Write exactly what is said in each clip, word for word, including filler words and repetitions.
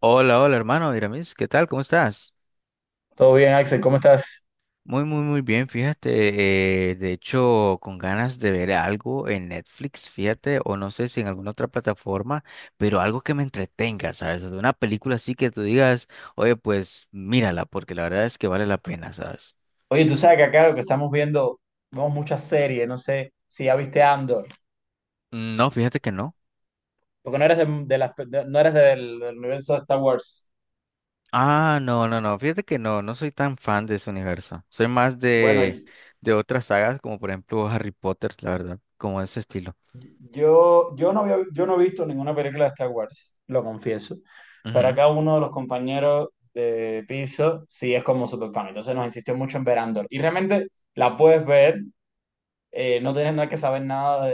Hola, hola hermano Diramis, ¿qué tal? ¿Cómo estás? Todo bien, Axel, ¿cómo estás? Muy, muy, muy bien, fíjate, eh, de hecho, con ganas de ver algo en Netflix, fíjate, o no sé si en alguna otra plataforma, pero algo que me entretenga, ¿sabes? O sea, una película así que tú digas, oye, pues mírala, porque la verdad es que vale la pena, ¿sabes? Oye, tú sabes que acá lo que estamos viendo, vemos muchas series, no sé si ya viste Andor, Mm. No, fíjate que no. porque no eres, de, de las- de- no eres del, del universo de Star Wars. Ah, no, no, no, fíjate que no, no soy tan fan de ese universo. Soy más Bueno, de, y- de otras sagas, como por ejemplo Harry Potter, la verdad, como ese estilo. yo, yo, no había, yo no he visto ninguna película de Star Wars, lo confieso, pero Ujú. acá uno de los compañeros de piso sí es como super fan, entonces nos insistió mucho en ver Andor. Y realmente la puedes ver, eh, no tienes nada que saber nada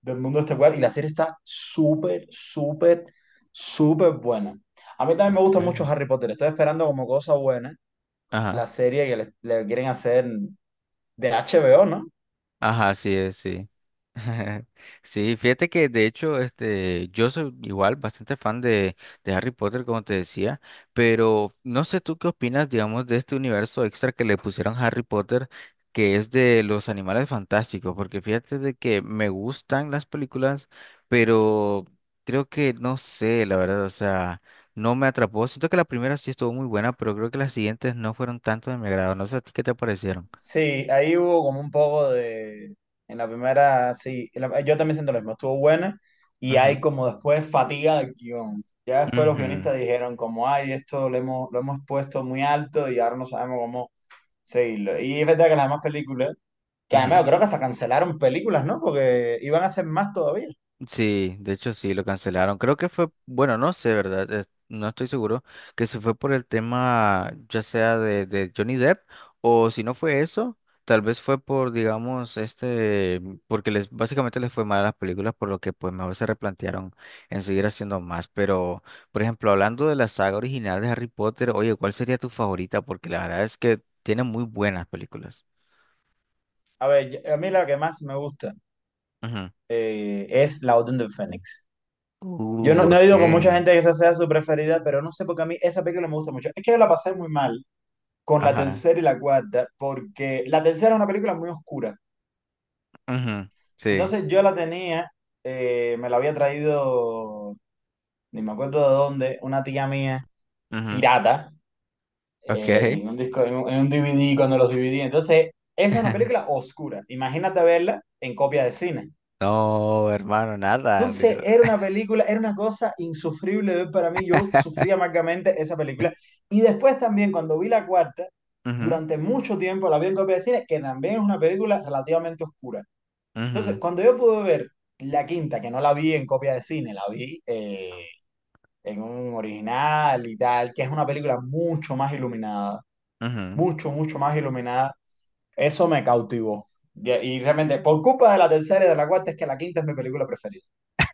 del mundo extracular y la serie está súper, súper, súper buena. A mí también me gusta mucho Ok. Harry Potter. Estoy esperando como cosa buena la Ajá. serie que le, le quieren hacer de H B O, ¿no? Ajá, sí, es, sí. Sí, fíjate que de hecho, este, yo soy igual bastante fan de, de Harry Potter, como te decía, pero no sé tú qué opinas, digamos, de este universo extra que le pusieron a Harry Potter, que es de los animales fantásticos, porque fíjate de que me gustan las películas, pero creo que no sé, la verdad, o sea, no me atrapó. Siento que la primera sí estuvo muy buena, pero creo que las siguientes no fueron tanto de mi agrado. No sé a ti qué te parecieron. Sí, ahí hubo como un poco de... En la primera, sí, en la- yo también siento lo mismo, estuvo buena y hay Ujú, como después fatiga del guión. Ya después los ujú, guionistas dijeron como, ay, esto lo hemos, lo hemos puesto muy alto y ahora no sabemos cómo seguirlo. Y es verdad que las demás películas, que además ujú. yo creo que hasta cancelaron películas, ¿no? Porque iban a hacer más todavía. Sí, de hecho sí, lo cancelaron. Creo que fue, bueno, no sé, ¿verdad? Eh, No estoy seguro que se fue por el tema ya sea de, de Johnny Depp o si no fue eso, tal vez fue por, digamos, este, porque les básicamente les fue mal a las películas, por lo que pues mejor se replantearon en seguir haciendo más. Pero, por ejemplo, hablando de la saga original de Harry Potter, oye, ¿cuál sería tu favorita? Porque la verdad es que tiene muy buenas películas. A ver, yo- a mí la que más me gusta Ujú. eh, es La Orden del Fénix. Yo Uh, no, no he ok. ido con mucha gente que esa sea su preferida, pero no sé por qué a mí esa película me gusta mucho. Es que yo la pasé muy mal con la Ajá. tercera y la cuarta, porque la tercera es una película muy oscura. Ujú. Sí. Entonces yo la tenía, eh, me la había traído, ni me acuerdo de dónde, una tía mía, pirata, Ok. eh, en un disco, en un, en un D V D cuando los dividí. Entonces, esa es una película oscura. Imagínate verla en copia de cine. No, hermano, nada, Entonces, literal. era una película, era una cosa insufrible de ver para mí. Yo sufría amargamente esa película. Y después también, cuando vi la cuarta, Ujú, durante mucho tiempo la vi en copia de cine, que también es una película relativamente oscura. Entonces, ujú, cuando yo pude ver la quinta, que no la vi en copia de cine, la vi eh, en un original y tal, que es una película mucho más iluminada, ujú. mucho, mucho más iluminada, eso me cautivó. Y, y realmente, por culpa de la tercera y de la cuarta, es que la quinta es mi película preferida.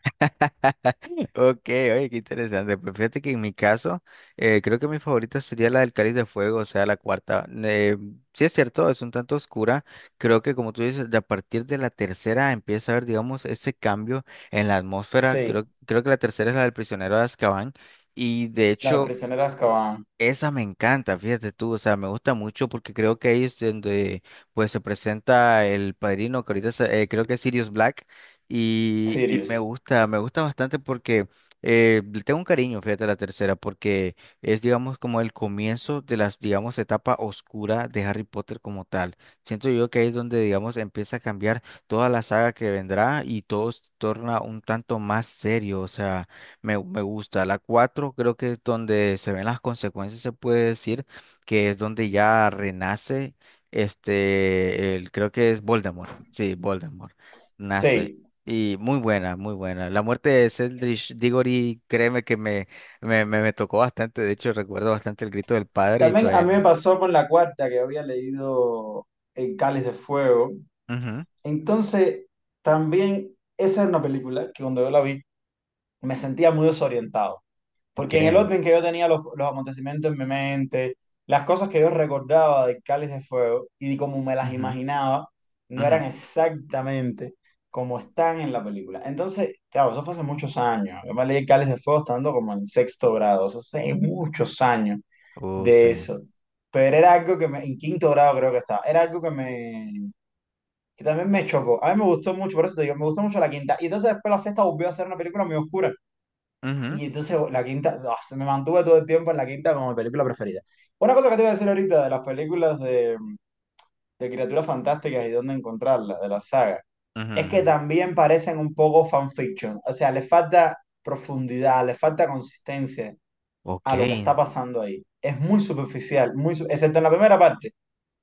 Ok, oye, qué interesante. Pues fíjate que en mi caso, eh, creo que mi favorita sería la del Cáliz de Fuego, o sea, la cuarta. Eh, sí es cierto, es un tanto oscura. Creo que como tú dices, de a partir de la tercera empieza a haber, digamos, ese cambio en la atmósfera. Creo, Sí, creo que la tercera es la del prisionero de Azkaban. Y de La hecho, prisionera de Azkaban, esa me encanta, fíjate tú, o sea, me gusta mucho porque creo que ahí es donde pues se presenta el padrino, que ahorita se- eh, creo que es Sirius Black, y, y me Sirius. gusta, me gusta bastante porque eh, le tengo un cariño, fíjate, a la tercera, porque es, digamos, como el comienzo de las, digamos, etapa oscura de Harry Potter como tal. Siento yo que ahí es donde, digamos, empieza a cambiar toda la saga que vendrá y todo se torna un tanto más serio, o sea... Me, me gusta. La cuatro creo que es donde se ven las consecuencias, se puede decir, que es donde ya renace este, el, creo que es Voldemort. Sí, Voldemort. Nace. Sí. Y muy buena, muy buena. La muerte de Cedric Diggory, créeme que me, me, me, me tocó bastante. De hecho, recuerdo bastante el grito del padre y También a todavía. mí me pasó con la cuarta, que había leído El Cáliz de Fuego. Ujú. Entonces, también esa es una película que cuando yo la vi, me sentía muy desorientado, Ok. porque en el orden que yo tenía los, los acontecimientos en mi mente, las cosas que yo recordaba de Cáliz de Fuego y como me las Ujú, imaginaba, no eran ujú. exactamente como están en la película. Entonces, claro, eso fue hace muchos años. Yo me leí el Cáliz de Fuego estando como en sexto grado, o sea, hace muchos años Oh, sí. de eso. Pero era algo que me, en quinto grado creo que estaba, era algo que me, que también me chocó. A mí me gustó mucho, por eso te digo, me gustó mucho la quinta. Y entonces después la sexta volvió a ser una película muy oscura. Ujú, Y entonces la quinta, ah, se me mantuve todo el tiempo en la quinta como mi película preferida. Una cosa que te iba a decir ahorita de las películas de, de criaturas fantásticas y dónde encontrarlas, de la saga, ujú, es que ujú. también parecen un poco fanfiction. O sea, le falta profundidad, le falta consistencia Ok. a lo que está pasando ahí. Es muy superficial, muy, su- excepto en la primera parte.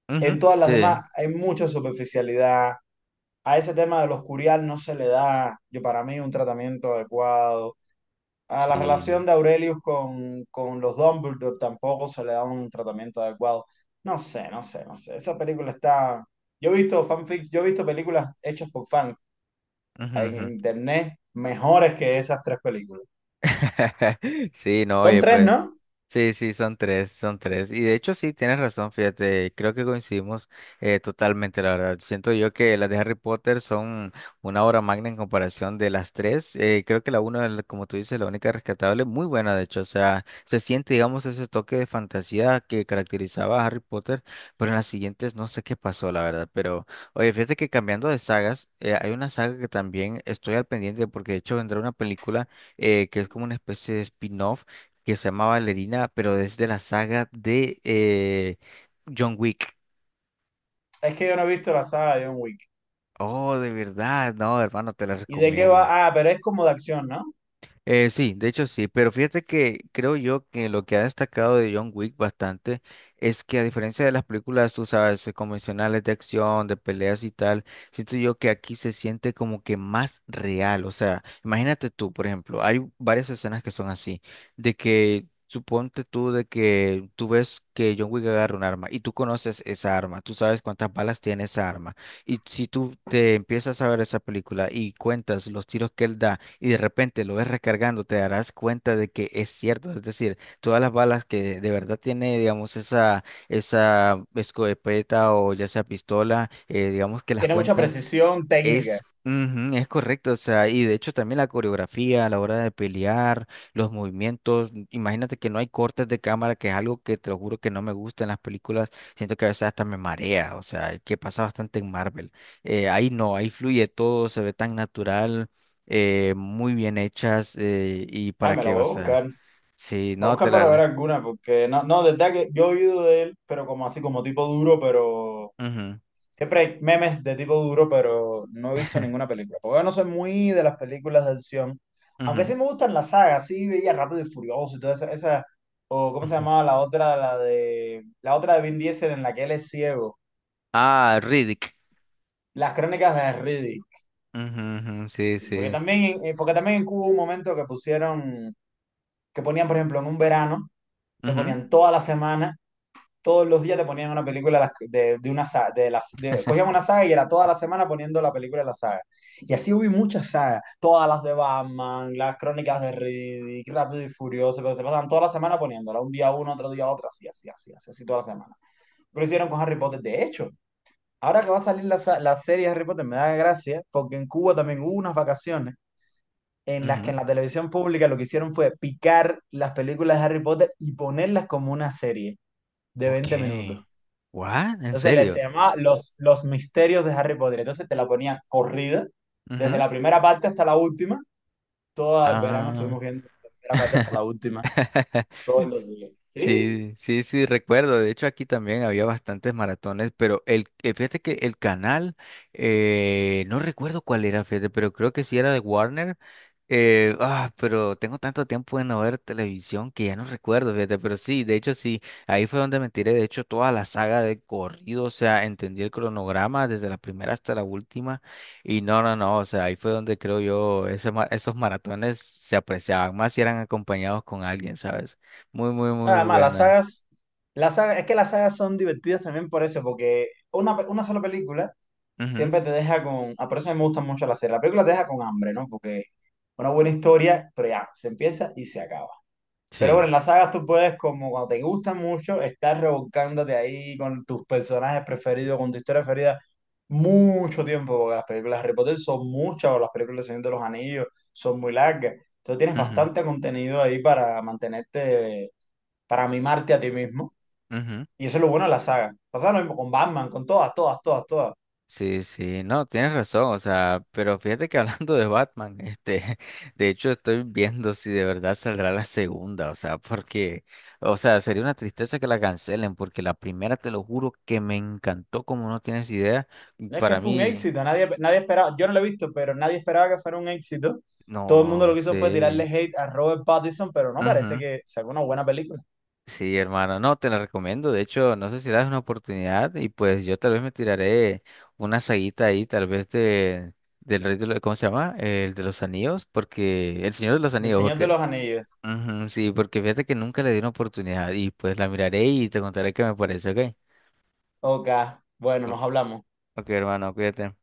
Ujú. En todas las Sí. demás hay mucha superficialidad. A ese tema de los curial no se le da, yo para mí, un tratamiento adecuado. A la Sí. relación de Aurelius con, con los Dumbledore tampoco se le da un tratamiento adecuado. No sé, no sé, no sé. Esa película está... Yo he visto fanfic, yo he visto películas hechas por fans Ujú, en ujú. internet mejores que esas tres películas. Sí, no, Son oye, tres, pues. ¿no? Sí, sí, son tres, son tres. Y de hecho, sí, tienes razón, fíjate, creo que coincidimos eh, totalmente, la verdad. Siento yo que las de Harry Potter son una obra magna en comparación de las tres. Eh, creo que la una, la- como tú dices, la única rescatable, muy buena, de hecho. O sea, se siente, digamos, ese toque de fantasía que caracterizaba a Harry Potter, pero en las siguientes no sé qué pasó, la verdad. Pero, oye, fíjate que cambiando de sagas, eh, hay una saga que también estoy al pendiente porque de hecho vendrá una película eh, que es como una especie de spin-off que se llama Valerina, pero es de la saga de eh, John Wick. Es que yo no he visto la saga de John Wick. Oh, de verdad, no, hermano, te la ¿Y de qué recomiendo. va? Ah, pero es como de acción, ¿no? Eh, sí, de hecho sí, pero fíjate que creo yo que lo que ha destacado de John Wick bastante es que a diferencia de las películas, tú sabes, eh, convencionales de acción, de peleas y tal, siento yo que aquí se siente como que más real, o sea, imagínate tú, por ejemplo, hay varias escenas que son así, de que suponte tú de que tú ves que John Wick agarra un arma y tú conoces esa arma, tú sabes cuántas balas tiene esa arma. Y si tú te empiezas a ver esa película y cuentas los tiros que él da y de repente lo ves recargando, te darás cuenta de que es cierto. Es decir, todas las balas que de verdad tiene, digamos, esa, esa escopeta o ya sea pistola, eh, digamos que las Tiene mucha cuentan precisión técnica. es, ujú, es correcto, o sea, y de hecho también la coreografía a la hora de pelear, los movimientos, imagínate que no hay cortes de cámara, que es algo que te lo juro que no me gusta en las películas, siento que a veces hasta me marea, o sea, que pasa bastante en Marvel. Eh, ahí no, ahí fluye todo, se ve tan natural, eh, muy bien hechas, eh, y Ah, para me la qué, voy o a sea, buscar. Me sí, voy a no, te buscar para ver la... alguna, porque no, no, desde que yo he oído de él, pero como así, como tipo duro, pero Ujú, siempre hay memes de tipo duro, pero no he visto ninguna película. Porque yo no soy muy de las películas de acción. Aunque ujú, sí me gustan las sagas, sí veía Rápido y Furioso y toda esa, esa- o ¿cómo se ujú. llamaba la otra? La de, la otra de Vin Diesel en la que él es ciego. Ah, Riddick. Las crónicas de Riddick. Ujú, ujú, sí, Porque sí. también, eh, porque también en Cuba hubo un momento que pusieron, que ponían, por ejemplo, en un verano, te Ujú, ponían toda la semana todos los días te ponían una película de, de- una saga, de las, de- cogían una saga y era toda la semana poniendo la película de la saga. Y así hubo muchas sagas, todas las de Batman, las crónicas de Riddick, Rápido y Furioso, pero se pasaban toda la semana poniéndola, un día uno, otro día otro, así, así, así, así, así toda la semana. Pero hicieron con Harry Potter, de hecho. Ahora que va a salir la, sa- la serie de Harry Potter, me da gracia, porque en Cuba también hubo unas vacaciones en las que ujú. en la televisión pública lo que hicieron fue picar las películas de Harry Potter y ponerlas como una serie de Ok. veinte minutos. ¿What? ¿En Entonces le se serio? llama los, los misterios de Harry Potter. Entonces te la ponía corrida, desde Ujú. la primera parte hasta la última. Todo el verano Ah. estuvimos viendo la primera parte hasta la última, todos los días. Sí. Sí, sí, sí, recuerdo. De hecho, aquí también había bastantes maratones, pero el, eh, fíjate que el canal, eh, no recuerdo cuál era, fíjate, pero creo que sí era de Warner. Eh, ah, pero tengo tanto tiempo de no ver televisión que ya no recuerdo, fíjate, pero sí, de hecho sí, ahí fue donde me tiré, de hecho, toda la saga de corrido, o sea, entendí el cronograma desde la primera hasta la última. Y no, no, no, o sea, ahí fue donde creo yo, ese ma- esos maratones se apreciaban más si eran acompañados con alguien, ¿sabes? Muy, muy, muy Además, las buena. sagas, las sagas, es que las sagas son divertidas también por eso, porque una, pe- una sola película Ujú, siempre te deja con. Ah, por eso a mí me gustan mucho las series. La película te deja con hambre, ¿no? Porque una buena historia, pero ya, se empieza y se acaba. Pero bueno, sí, en las sagas tú puedes, como cuando te gustan mucho, estar revolcándote ahí con tus personajes preferidos, con tu historia preferida, mucho tiempo, porque las películas de Harry Potter son muchas, o las películas de Señor de los Anillos son muy largas. Entonces tienes ujú, bastante contenido ahí para mantenerte, para mimarte a ti mismo. ujú. Y eso es lo bueno de la saga. Pasa lo mismo con Batman, con todas, todas, todas, todas. Sí, sí, no, tienes razón, o sea, pero fíjate que hablando de Batman, este, de hecho estoy viendo si de verdad saldrá la segunda, o sea, porque, o sea, sería una tristeza que la cancelen, porque la primera, te lo juro, que me encantó como no tienes idea, y No es que para fue un mí, éxito, nadie, nadie esperaba, yo no lo he visto, pero nadie esperaba que fuera un éxito. Todo el mundo no lo que hizo fue tirarle sé. hate a Robert Pattinson, pero no parece que sacó una buena película. Sí, hermano, no, te la recomiendo. De hecho, no sé si le das una oportunidad y pues yo tal vez me tiraré una saguita ahí, tal vez de del rey de los, ¿cómo se llama? El de los anillos, porque el señor de los Del anillos, Señor de porque los Anillos. ujú, sí, porque fíjate que nunca le di una oportunidad y pues la miraré y te contaré qué me parece, ¿ok? Ok, bueno, nos hablamos. Ok, hermano, cuídate.